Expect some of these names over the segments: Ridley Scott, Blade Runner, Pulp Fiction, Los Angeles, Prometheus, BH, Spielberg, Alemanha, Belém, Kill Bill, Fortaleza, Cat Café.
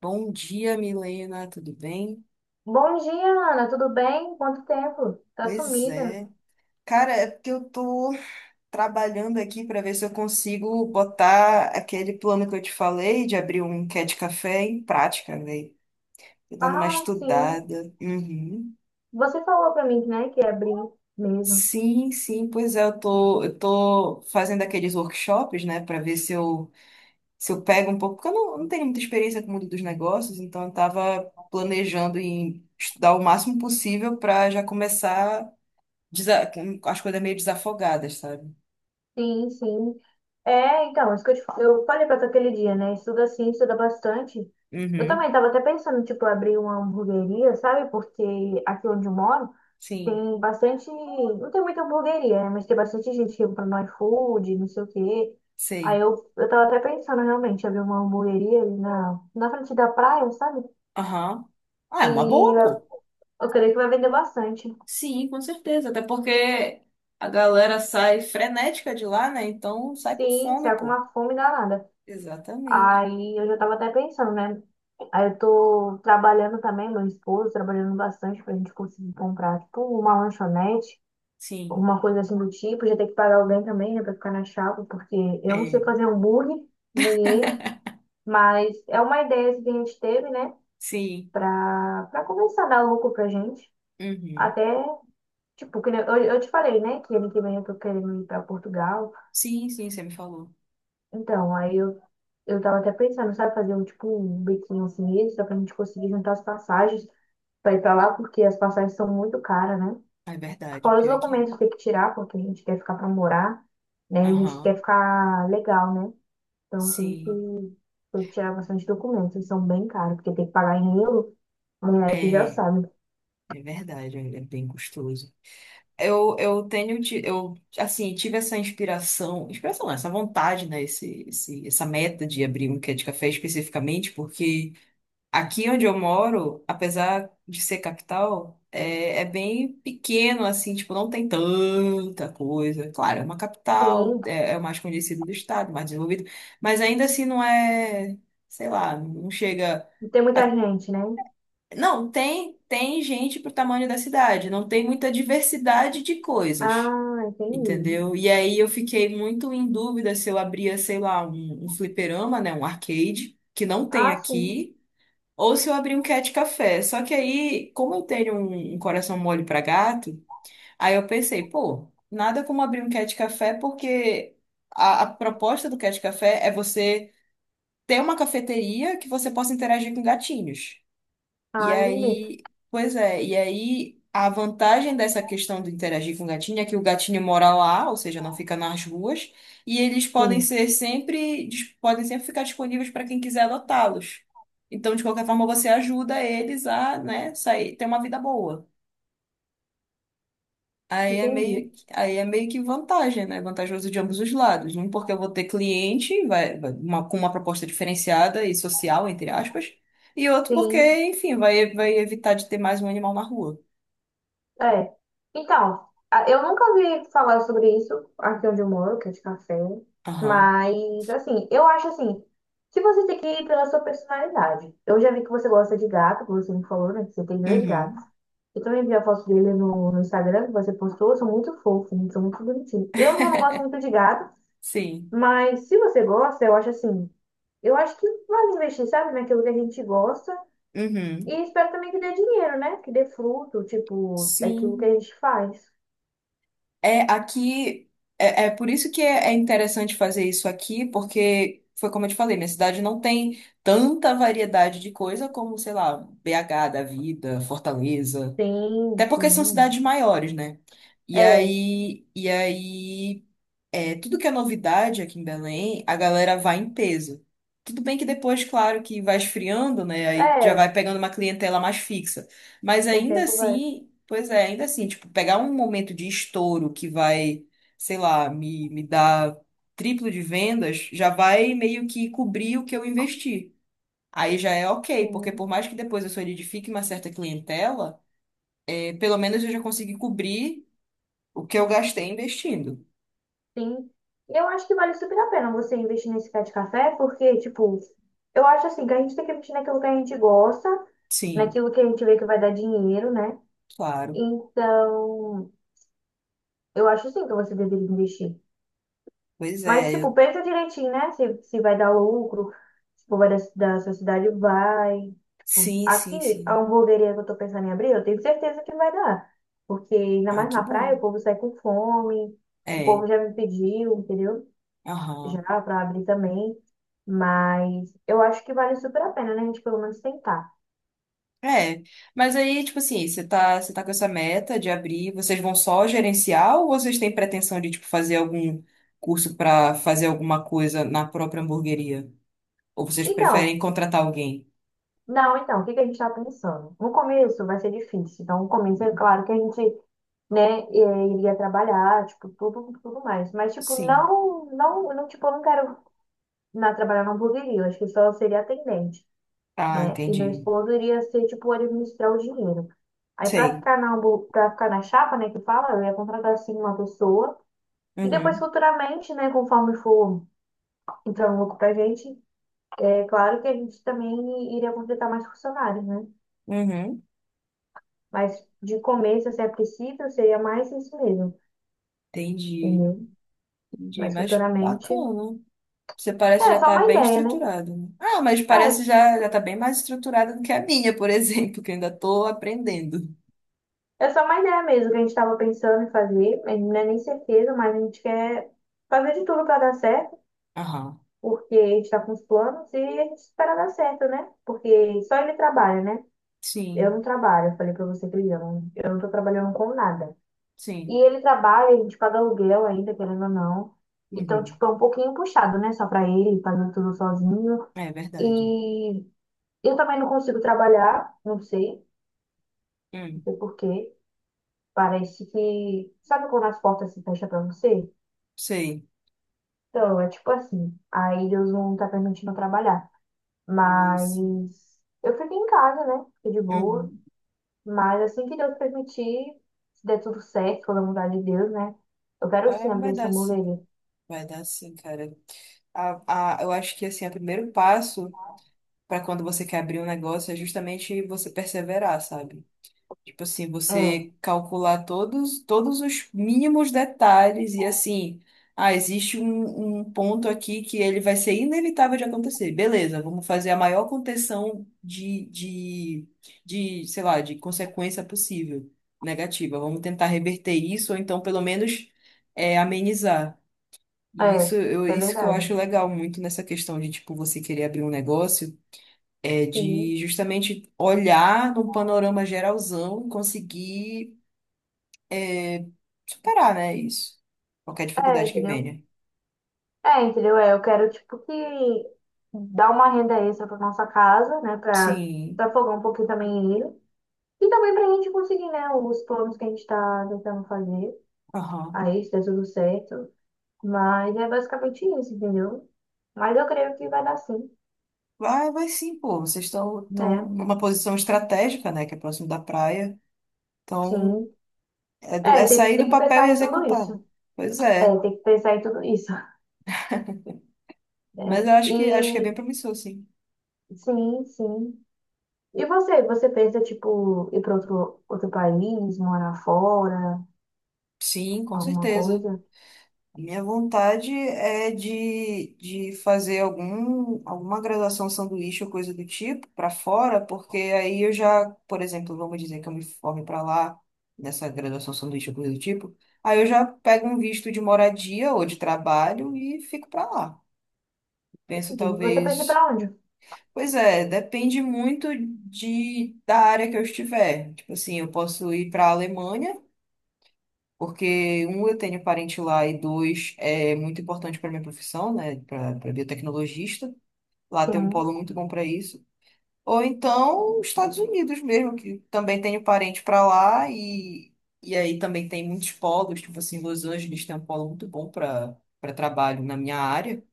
Bom dia, Milena, tudo bem? Bom dia, Ana. Tudo bem? Quanto tempo? Tá Pois sumida? é. Cara, é porque eu tô trabalhando aqui para ver se eu consigo botar aquele plano que eu te falei de abrir um Cat Café em prática, velho. Tô dando uma Ah, sim. estudada. Uhum. Você falou pra mim, né, que ia abrir mesmo. Sim, sim, pois é, eu tô fazendo aqueles workshops, né, para ver se eu pego um pouco, porque eu não tenho muita experiência com o mundo dos negócios, então eu tava planejando em estudar o máximo possível para já começar desa- com as coisas meio desafogadas, sabe? Sim, sim. É, então, isso que eu falei pra tu aquele dia, né? Estuda sim, estuda bastante. Eu Uhum. também tava até pensando, tipo, abrir uma hamburgueria, sabe? Porque aqui onde eu moro Sim. tem bastante. Não tem muita hamburgueria, né? Mas tem bastante gente que compra no iFood, não sei o quê. Aí Sei. eu, eu tava até pensando realmente, abrir uma hamburgueria ali na frente da praia, sabe? Aham. Ah, E é uma boa, eu, pô. eu creio que vai vender bastante. Sim, com certeza. Até porque a galera sai frenética de lá, né? Então sai com Sim, fome, está com pô. uma fome danada. Exatamente. Aí eu já estava até pensando, né? Aí eu tô trabalhando também, meu esposo trabalhando bastante pra gente conseguir comprar, tipo, uma lanchonete, Sim. alguma coisa assim do tipo. Já tem que pagar alguém também, né, pra ficar na chapa, porque eu não sei É. fazer hambúrguer, nem ele. Mas é uma ideia assim, que a gente teve, né, Sim. pra começar a dar lucro pra gente. Uhum. Até, tipo, que nem- eu te falei, né, que ano que vem eu tô querendo ir pra Portugal. Sim, sim, você me falou. Então, aí eu tava até pensando, sabe, fazer um tipo um biquinho assim extra pra gente conseguir juntar as passagens pra ir pra lá, porque as passagens são muito caras, né? Ah, é verdade, Fora os pior que documentos que tem que tirar, porque a gente quer ficar pra morar, é. né? E a gente Aham. quer ficar legal, né? Então Sim. Tem que tirar bastante documentos, eles são bem caros, porque tem que pagar em euro, né? Tu já É. sabe. É verdade, é bem gostoso. Eu, assim, tive essa inspiração, inspiração não, essa vontade, né, essa meta de abrir um quê de café especificamente, porque aqui onde eu moro, apesar de ser capital, é bem pequeno, assim, tipo, não tem tanta coisa. Claro, é uma capital, Sim é o mais conhecido do estado, mais desenvolvido, mas ainda assim não é, sei lá, não chega... e tem muita a- gente, né? Não, tem gente pro tamanho da cidade, não tem muita diversidade de coisas, Ah, entendi. entendeu? E aí eu fiquei muito em dúvida se eu abria, sei lá, um fliperama, né, um arcade, que não tem Ah, sim. aqui, ou se eu abria um cat café. Só que aí, como eu tenho um coração mole para gato, aí eu pensei, pô, nada como abrir um cat café, porque a proposta do cat café é você ter uma cafeteria que você possa interagir com gatinhos. E Ah, entendi. aí, pois é, e aí a vantagem dessa questão de interagir com o gatinho é que o gatinho mora lá, ou seja, não fica nas ruas, e eles podem Sim, ser sempre, podem sempre ficar disponíveis para quem quiser adotá-los. Então, de qualquer forma, você ajuda eles a, né, sair, ter uma vida boa. Entendi. Aí é meio que vantagem, né? Vantajoso de ambos os lados. Um, porque eu vou ter cliente, com uma proposta diferenciada e social, entre aspas. E outro porque, Sim. enfim, vai evitar de ter mais um animal na rua. É. Então, eu nunca ouvi falar sobre isso aqui onde eu moro, que é de café. Aham. Mas, assim, eu acho assim, que você tem que ir pela sua personalidade. Eu já vi que você gosta de gato, que você me falou, né? Que você tem dois gatos. Uhum. Eu também vi a foto dele no Instagram que você postou, são muito fofos, são muito bonitinhos. Eu já não gosto muito de gato, Sim. mas se você gosta, eu acho assim, eu acho que vale investir, sabe, naquilo que a gente gosta. Uhum. E espero também que dê dinheiro, né? Que dê fruto, tipo, daquilo que a Sim. gente faz. É, aqui. É, é por isso que é, é interessante fazer isso aqui, porque foi como eu te falei, minha cidade não tem tanta variedade de coisa como, sei lá, BH da vida, Fortaleza. Sim, Até porque são sim. cidades maiores, né? E É, aí, e aí, é, tudo que é novidade aqui em Belém, a galera vai em peso. Tudo bem que depois, claro, que vai esfriando, né? Aí já vai é, pegando uma clientela mais fixa. Mas com o ainda tempo vai. assim, pois é, ainda assim, tipo, pegar um momento de estouro que vai, sei lá, me dar triplo de vendas, já vai meio que cobrir o que eu investi. Aí já é ok, porque por Sim, mais que depois eu solidifique uma certa clientela pelo menos eu já consegui cobrir o que eu gastei investindo. sim. Eu acho que vale super a pena você investir nesse pé de café, porque, tipo, eu acho assim, que a gente tem que investir naquilo que a gente gosta, Sim, naquilo que a gente vê que vai dar dinheiro, né? claro. Então, eu acho sim que você deveria investir. Pois Mas, tipo, é. pensa direitinho, né? Se vai dar lucro, se for vai da sociedade, vai. Tipo, Sim, sim, aqui, a sim. hamburgueria que eu tô pensando em abrir, eu tenho certeza que vai dar. Porque, ainda Ah, mais que na praia, bom. o povo sai com fome, o É. povo já me pediu, entendeu? Já Aham. pra abrir também. Mas eu acho que vale super a pena, né? A gente pelo menos tentar. É. Mas aí, tipo assim, você tá com essa meta de abrir, vocês vão só gerenciar ou vocês têm pretensão de, tipo, fazer algum curso pra fazer alguma coisa na própria hamburgueria? Ou vocês preferem Então, contratar alguém? não, então, o que que a gente tá pensando? No começo vai ser difícil. Então, no começo, é claro que a gente né, iria trabalhar, tipo, tudo mais. Mas, tipo, Sim. não, não, não, tipo, eu não quero na trabalhar não poderia, eu acho que só seria atendente, Ah, né? E meu entendi. esposo iria ser, tipo, administrar o dinheiro. Aí, Sei. Pra ficar na chapa, né, que fala, eu ia contratar, assim, uma pessoa. E depois, Uhum. futuramente, né, conforme for entrando lucro pra gente, é claro que a gente também iria contratar mais funcionários, né? Uhum. Mas, de começo, se é preciso, seria mais isso mesmo, Entendi. entendeu? Entendi. Mas, Mas futuramente... bacana. Você parece É, já só estar uma bem ideia, né? estruturado, né? Ah, mas parece já tá bem mais estruturada do que a minha, por exemplo, que eu ainda estou aprendendo. É, é só uma ideia mesmo que a gente estava pensando em fazer. A gente Não é nem certeza, mas a gente quer fazer de tudo para dar certo, Aham. porque a gente está com os planos e a gente espera dar certo, né? Porque só ele trabalha, né? Eu Sim, não trabalho, eu falei para você que ele não, eu não tô trabalhando com nada. E sim. ele trabalha, a gente paga aluguel ainda, querendo ou não. Então, Uhum. tipo, é um pouquinho puxado, né? Só para ele, fazendo tudo sozinho. É verdade. E eu também não consigo trabalhar, não sei, não Hum, sei por quê. Parece que. Sabe quando as portas se fecham pra você? sei. Então, é tipo assim. Aí Deus não tá permitindo eu trabalhar. Mas Nossa. eu fiquei em casa, né? Fiquei de boa. Uhum. Mas assim que Deus permitir, se der tudo certo, for da vontade de Deus, né? Eu quero É, sim abrir vai essa dar sim. hamburgueria. Vai dar sim, cara. Eu acho que assim, o primeiro passo para quando você quer abrir um negócio é justamente você perseverar, sabe? Tipo assim, você É, calcular todos os mínimos detalhes e assim, ah, existe um ponto aqui que ele vai ser inevitável de acontecer. Beleza, vamos fazer a maior contenção de, sei lá, de consequência possível, negativa. Vamos tentar reverter isso, ou então pelo menos é, amenizar. E isso, é, é isso que eu verdade. acho legal muito nessa questão de, tipo, você querer abrir um negócio. É de Sim. justamente olhar num panorama geralzão e conseguir é, superar, né, isso. Qualquer É, dificuldade que entendeu? venha. É, entendeu? É, eu quero, tipo, que dar uma renda extra pra nossa casa, né? Pra, Sim, pra folgar um pouquinho também ele. E também para a gente conseguir, né, os planos que a gente tá tentando fazer. aham. Aí, se der tudo certo. Mas é basicamente isso, entendeu? Mas eu creio que vai dar sim, Vai, vai sim, pô. Vocês estão né? numa posição estratégica, né, que é próximo da praia. Então, Sim. é, é É, sair do tem que papel e pensar em tudo executar. isso. Pois É, é. tem que pensar em tudo isso, Mas eu né? Acho que é bem E promissor, sim. sim, sim. E você pensa, tipo, ir para outro país, morar fora, Sim, com alguma certeza. coisa? A minha vontade é de fazer algum, alguma graduação sanduíche ou coisa do tipo para fora, porque aí eu já, por exemplo, vamos dizer que eu me forme para lá, nessa graduação sanduíche ou coisa do tipo, aí eu já pego um visto de moradia ou de trabalho e fico para lá. Penso Entendi. Você pensa talvez. para onde? Pois é, depende muito de, da área que eu estiver. Tipo assim, eu posso ir para a Alemanha. Porque, um, eu tenho parente lá, e dois, é muito importante para minha profissão, né? Para biotecnologista. Lá tem um Sim. polo muito bom para isso. Ou então, os Estados Unidos mesmo, que também tenho parente para lá, e aí também tem muitos polos, tipo assim, Los Angeles tem um polo muito bom para trabalho na minha área.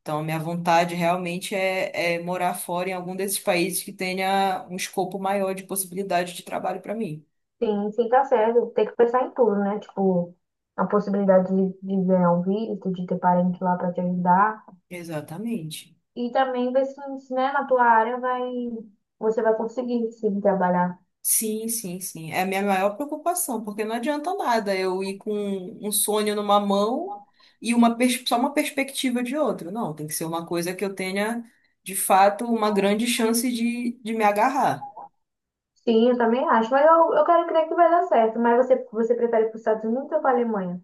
Então, a minha vontade realmente é, é morar fora em algum desses países que tenha um escopo maior de possibilidade de trabalho para mim. Sim, sim, tá certo. Tem que pensar em tudo, né? Tipo, a possibilidade de ganhar um visto, de ter parente lá para te ajudar. Exatamente. E também ver se, se, né, na tua área vai, você vai conseguir sim trabalhar. Sim, sim, sim. É a minha maior preocupação, porque não adianta nada eu ir com um sonho numa mão e só uma perspectiva de outra. Não, tem que ser uma coisa que eu tenha, de fato, uma grande chance de me agarrar. Sim, eu também acho, mas eu quero crer que vai dar certo. Mas você prefere ir para os Estados Unidos ou para a Alemanha?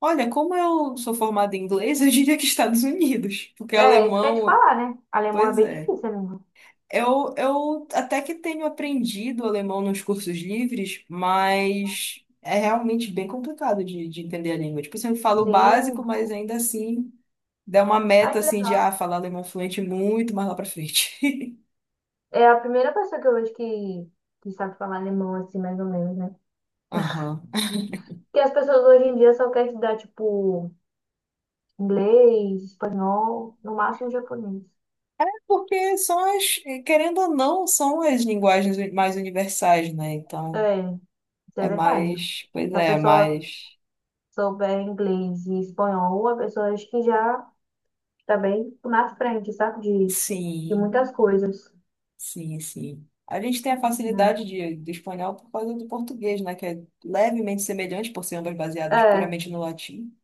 Olha, como eu sou formada em inglês, eu diria que Estados Unidos, porque É, isso que eu ia te alemão, falar, né? Alemão é pois bem é. difícil, amigo. Eu até que tenho aprendido alemão nos cursos livres, mas é realmente bem complicado de entender a língua. Tipo, você fala o Sim. básico, mas ainda assim. Der uma Ai, meta que assim de legal. ah, falar alemão fluente muito mais lá pra frente. É a primeira pessoa que eu vejo que sabe falar alemão, assim, mais ou menos, né? Aham. Porque as pessoas hoje em dia só querem te dar, tipo, inglês, espanhol, no máximo japonês. É porque são as, querendo ou não, são as linguagens mais universais, né? Então, É, isso é é verdade. mais, pois Se a é, é pessoa mais. souber inglês e espanhol, a pessoa acho que já está bem na frente, sabe? De Sim, muitas coisas, sim, sim. A gente tem a né? facilidade de, do espanhol por causa do português, né? Que é levemente semelhante, por ser ambas baseadas É, isso puramente no latim.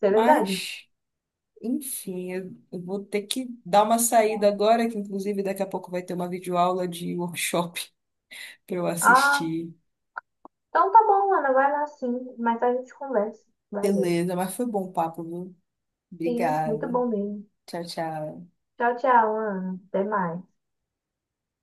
é verdade. Mas, enfim, eu vou ter que dar uma saída agora, que inclusive daqui a pouco vai ter uma videoaula de workshop pra eu Ah, assistir. então tá bom, Ana, vai lá sim. Mas a gente conversa. Valeu. Beleza, mas foi bom o papo, viu? Sim, muito Obrigada. bom mesmo. Tchau, tchau. Tchau, tchau, Ana. Até mais.